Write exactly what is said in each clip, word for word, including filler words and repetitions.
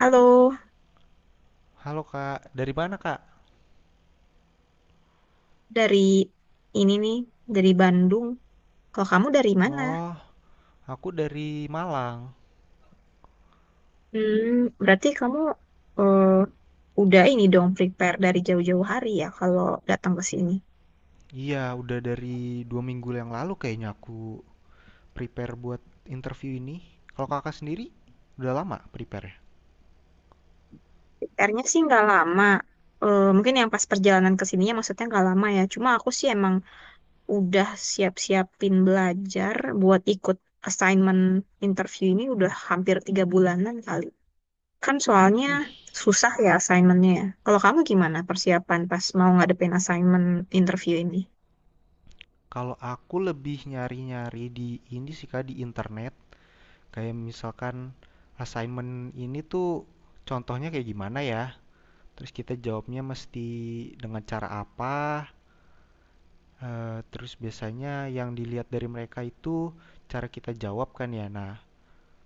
Halo, Halo Kak, dari mana Kak? dari ini nih, dari Bandung. Kalau kamu dari mana? Oh, aku dari Malang. Hmm, berarti kamu eh, udah ini dong prepare dari jauh-jauh hari ya kalau datang ke sini. Iya, udah dari dua minggu yang lalu kayaknya aku prepare buat interview ini. Kalau Kakak sendiri, udah lama prepare? Prepare-nya sih nggak lama. Eh, mungkin yang pas perjalanan ke sininya maksudnya nggak lama ya. Cuma aku sih emang udah siap-siapin belajar buat ikut assignment interview ini udah hampir tiga bulanan kali. Kan soalnya Wih, susah ya assignmentnya. Ya, kalau kamu gimana persiapan pas mau ngadepin assignment interview ini? kalau aku lebih nyari-nyari di ini sih Kak, di internet. Kayak misalkan assignment ini tuh contohnya kayak gimana ya? Terus kita jawabnya mesti dengan cara apa? Eee, terus biasanya yang dilihat dari mereka itu cara kita jawab kan ya. Nah,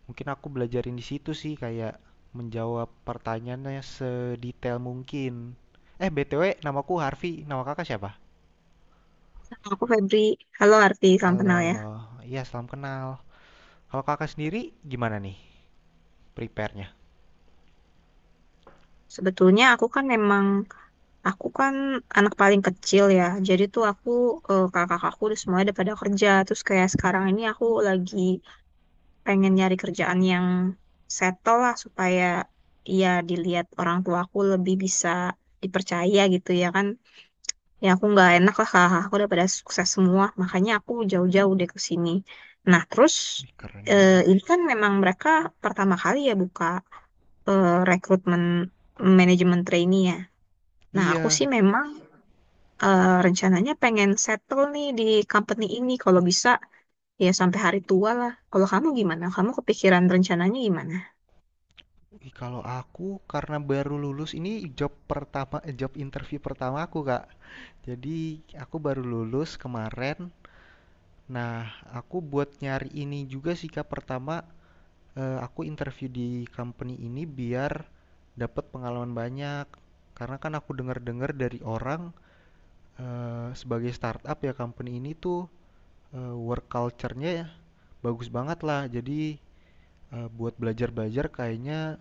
mungkin aku belajarin di situ sih kayak menjawab pertanyaannya sedetail mungkin. Eh, B T W namaku Harvey. Nama kakak siapa? Aku Febri, halo Arti, salam Halo, kenal ya. halo. Iya, salam kenal. Kalau kakak sendiri gimana nih prepare-nya? Sebetulnya aku kan memang, aku kan anak paling kecil ya. Jadi tuh aku, eh, kakak-kakakku udah semuanya udah pada kerja. Terus kayak sekarang ini aku lagi pengen nyari kerjaan yang settle lah supaya ya dilihat orang tuaku lebih bisa dipercaya gitu ya kan. Ya aku nggak enak lah, kakak aku udah pada sukses semua, makanya aku jauh-jauh deh ke sini. Nah terus, Wih, keren eh, banget. ini kan memang mereka pertama kali ya buka eh, rekrutmen manajemen trainee ya. Nah aku Iya. sih memang eh, rencananya pengen settle nih di company ini kalau bisa ya sampai hari tua lah. Kalau kamu gimana, kamu kepikiran rencananya gimana? Ih, kalau aku karena baru lulus ini job pertama eh, job interview pertama aku, Kak. Jadi, aku baru lulus kemarin. Nah, aku buat nyari ini juga sih Kak. Pertama, eh, aku interview di company ini biar dapat pengalaman banyak. Karena kan aku dengar-dengar dari orang, eh, sebagai startup ya company ini tuh eh, work culture-nya ya bagus banget lah. Jadi eh, buat belajar-belajar kayaknya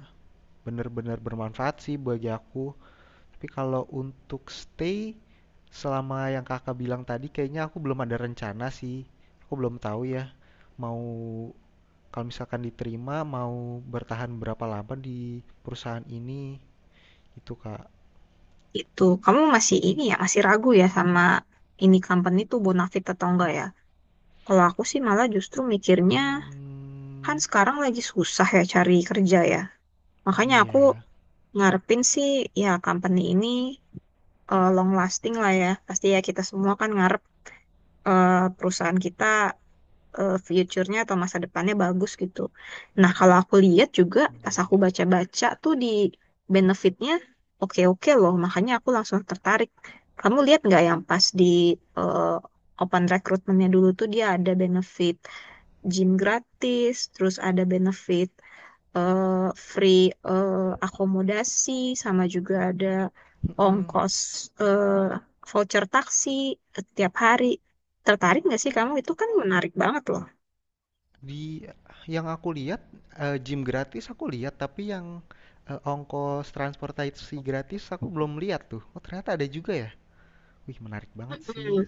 bener-bener bermanfaat sih bagi aku. Tapi kalau untuk stay selama yang Kakak bilang tadi kayaknya aku belum ada rencana sih. Aku belum tahu ya mau kalau misalkan diterima mau bertahan berapa lama di perusahaan ini itu Kak. Itu kamu masih ini ya, masih ragu ya sama ini company tuh bonafit atau enggak ya. Kalau aku sih malah justru mikirnya, kan Hmm, sekarang lagi susah ya cari kerja ya. Makanya aku iya, ngarepin sih ya company ini eh, long lasting lah ya. Pasti ya kita semua kan ngarep eh, perusahaan kita eh, future-nya atau masa depannya bagus gitu. Nah kalau aku lihat juga iya, pas iya. aku baca-baca tuh di benefitnya oke-oke loh. Makanya aku langsung tertarik. Kamu lihat nggak yang pas di eh, open recruitment-nya dulu tuh dia ada benefit gym gratis, terus ada benefit eh, free eh, akomodasi, sama juga ada Mm-mm. ongkos, eh, voucher taksi tiap hari. Tertarik nggak sih kamu? Hmm. Itu kan menarik banget loh. Di yang aku lihat eh, gym gratis aku lihat, tapi yang eh, ongkos transportasi gratis aku belum lihat tuh. Oh, ternyata ada juga ya. Wih, menarik banget sih. Mm-mm,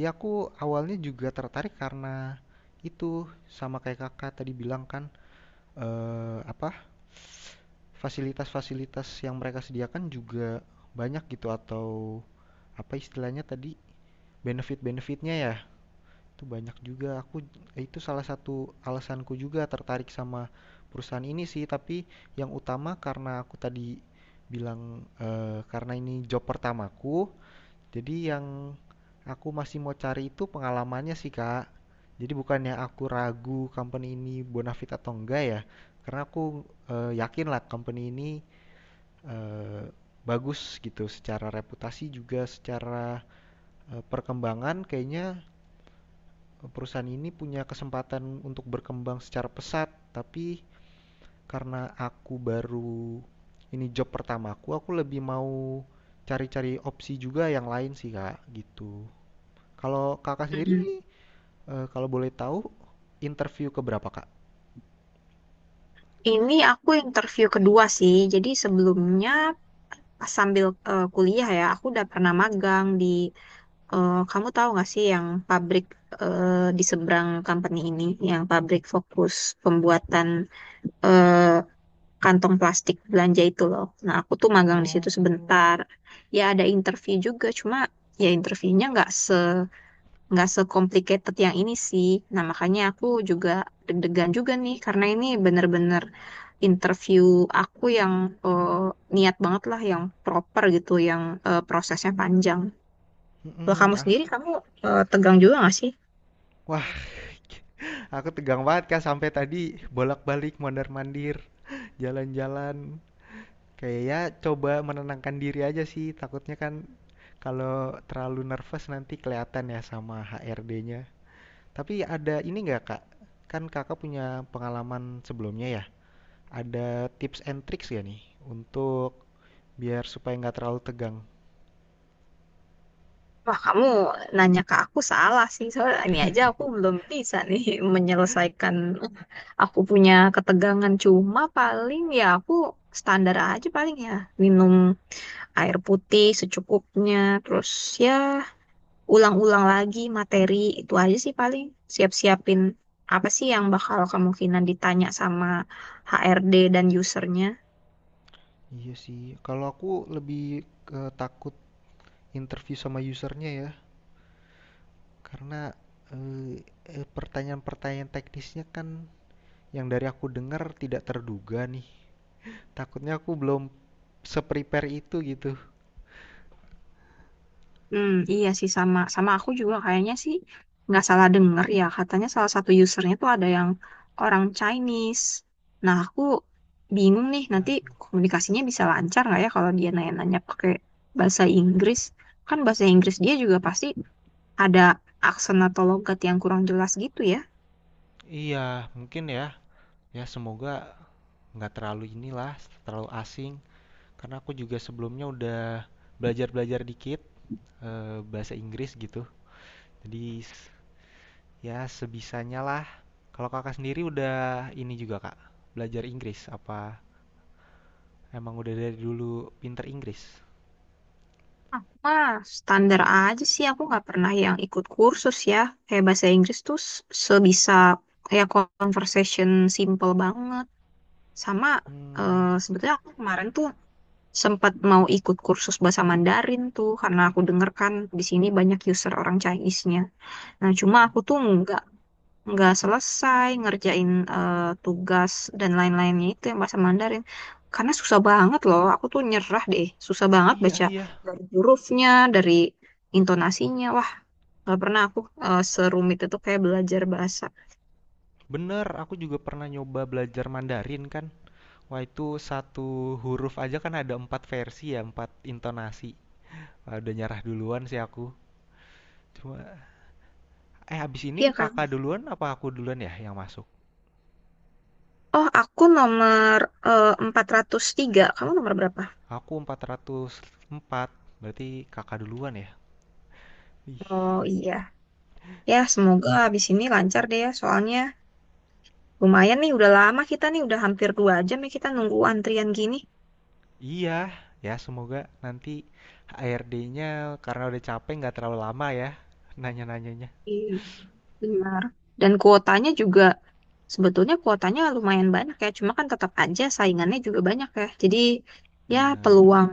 Ya, aku awalnya juga tertarik karena itu, sama kayak kakak tadi bilang kan. Eee, apa, fasilitas-fasilitas yang mereka sediakan juga banyak gitu, atau apa istilahnya tadi, benefit-benefitnya ya, itu banyak juga. Aku itu salah satu alasanku juga tertarik sama perusahaan ini sih, tapi yang utama karena aku tadi bilang, eee, karena ini job pertamaku, jadi yang aku masih mau cari itu pengalamannya sih, Kak. Jadi bukannya aku ragu company ini bonafit atau enggak ya, karena aku eh, yakin lah company ini eh, bagus gitu secara reputasi, juga secara eh, perkembangan kayaknya perusahaan ini punya kesempatan untuk berkembang secara pesat, tapi karena aku baru ini job pertamaku, aku lebih mau cari-cari opsi juga yang lain sih, Kak, gitu. Kalau kakak sendiri mm-mm. nih, eh, kalau boleh tahu, interview ke berapa kak? Ini aku interview kedua sih. Jadi sebelumnya pas sambil eh, kuliah ya, aku udah pernah magang di, eh, kamu tahu nggak sih yang pabrik eh, di seberang company ini, yang pabrik fokus pembuatan eh, kantong plastik belanja itu loh. Nah, aku tuh magang di situ Oh. sebentar. Ya ada interview juga, cuma ya interviewnya nggak se nggak se-complicated yang ini sih. Nah, makanya aku juga deg-degan juga nih karena ini bener-bener interview aku yang eh, niat banget lah, yang proper gitu, yang eh, prosesnya panjang. Kalau Mm-mm. kamu Ah, sendiri, kamu eh, tegang juga nggak sih? wah, aku tegang banget kak sampai tadi bolak-balik mondar-mandir, jalan-jalan. Kayak ya coba menenangkan diri aja sih, takutnya kan kalau terlalu nervous nanti kelihatan ya sama H R D-nya. Tapi ada ini nggak kak? Kan kakak punya pengalaman sebelumnya ya. Ada tips and tricks ya nih untuk biar supaya nggak terlalu tegang? Wah, kamu nanya ke aku salah sih. Soalnya ini aja aku belum bisa nih menyelesaikan aku punya ketegangan. Cuma paling ya aku standar aja, paling ya minum air putih secukupnya, terus ya ulang-ulang lagi materi. Itu aja sih paling, siap-siapin apa sih yang bakal kemungkinan ditanya sama H R D dan usernya. Iya sih, kalau aku lebih ke takut interview sama usernya ya, karena eh, eh, pertanyaan-pertanyaan teknisnya kan yang dari aku dengar tidak terduga nih. Takutnya aku belum se-prepare itu gitu. Hmm, iya sih, sama sama aku juga kayaknya sih. Nggak salah denger ya katanya salah satu usernya tuh ada yang orang Chinese. Nah aku bingung nih nanti Aduh. komunikasinya bisa lancar nggak ya kalau dia nanya-nanya pakai bahasa Inggris? Kan bahasa Inggris dia juga pasti ada aksen atau logat yang kurang jelas gitu ya. Iya, mungkin ya. Ya semoga nggak terlalu inilah, terlalu asing. Karena aku juga sebelumnya udah belajar-belajar dikit eh, bahasa Inggris gitu. Jadi, ya sebisanya lah. Kalau kakak sendiri udah ini juga kak, belajar Inggris apa emang udah dari dulu pinter Inggris? Aku mah standar aja sih, aku nggak pernah yang ikut kursus ya. Kayak bahasa Inggris tuh s- sebisa kayak conversation simple banget. Sama Hmm, eh, sebetulnya aku kemarin tuh sempat mau ikut kursus bahasa Mandarin tuh karena aku denger kan di sini banyak user orang Chinese-nya. Nah, cuma aku tuh nggak nggak selesai ngerjain eh, tugas dan lain-lainnya itu yang bahasa Mandarin. Karena susah banget loh, aku tuh nyerah deh. Susah banget iya, baca iya, dari hurufnya, dari intonasinya. Wah, nggak pernah aku eh, serumit itu kayak belajar bahasa. bener. Aku juga pernah nyoba belajar Mandarin kan. Wah, itu satu huruf aja kan ada empat versi ya, empat intonasi. Wah, udah nyerah duluan sih aku. Cuma, eh habis ini Iya kan? kakak duluan apa aku duluan ya yang masuk? Oh, aku nomor eh, empat ratus tiga. Kamu nomor berapa? Aku empat ratus empat. Berarti kakak duluan ya. Ih. Oh iya, ya semoga habis ini lancar deh ya. Soalnya lumayan nih, udah lama kita nih, udah hampir dua jam ya kita nunggu antrian gini. Iya, ya semoga nanti H R D-nya karena udah capek nggak terlalu lama ya nanya-nanyanya. Iya, benar. Dan kuotanya juga, sebetulnya kuotanya lumayan banyak ya. Cuma kan tetap aja saingannya juga banyak ya. Jadi ya Bener. peluang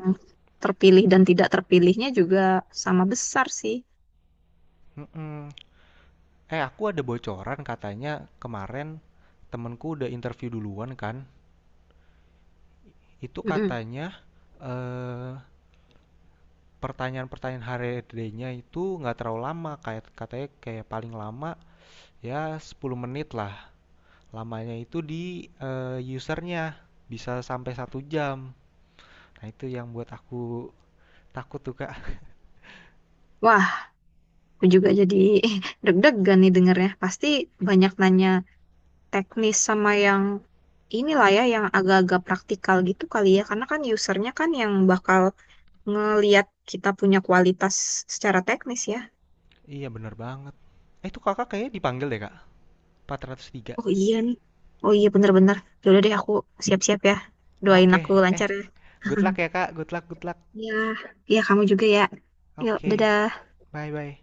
terpilih dan tidak terpilihnya juga sama besar sih. Mm-mm. Eh, aku ada bocoran katanya kemarin temenku udah interview duluan kan. Itu Mm-mm. katanya eh, pertanyaan-pertanyaan H R D-nya itu nggak terlalu lama. Kayak katanya kayak paling lama ya 10 menit lah. Lamanya itu di eh, usernya bisa sampai satu jam. Nah, itu yang buat aku takut tuh, Kak. Wah, aku juga jadi deg-degan nih dengernya. Pasti banyak nanya teknis sama yang inilah ya, yang agak-agak praktikal gitu kali ya, karena kan usernya kan yang bakal ngeliat kita punya kualitas secara teknis ya. Iya bener banget. Eh itu kakak kayaknya dipanggil deh kak. empat ratus tiga. Oh iya nih, oh iya bener-bener. Yaudah deh, aku siap-siap ya. Doain Oke, aku eh lancar ya. good luck ya kak. Good luck, good luck. Ya, ya kamu juga ya. Yuk Oke, dadah. bye bye.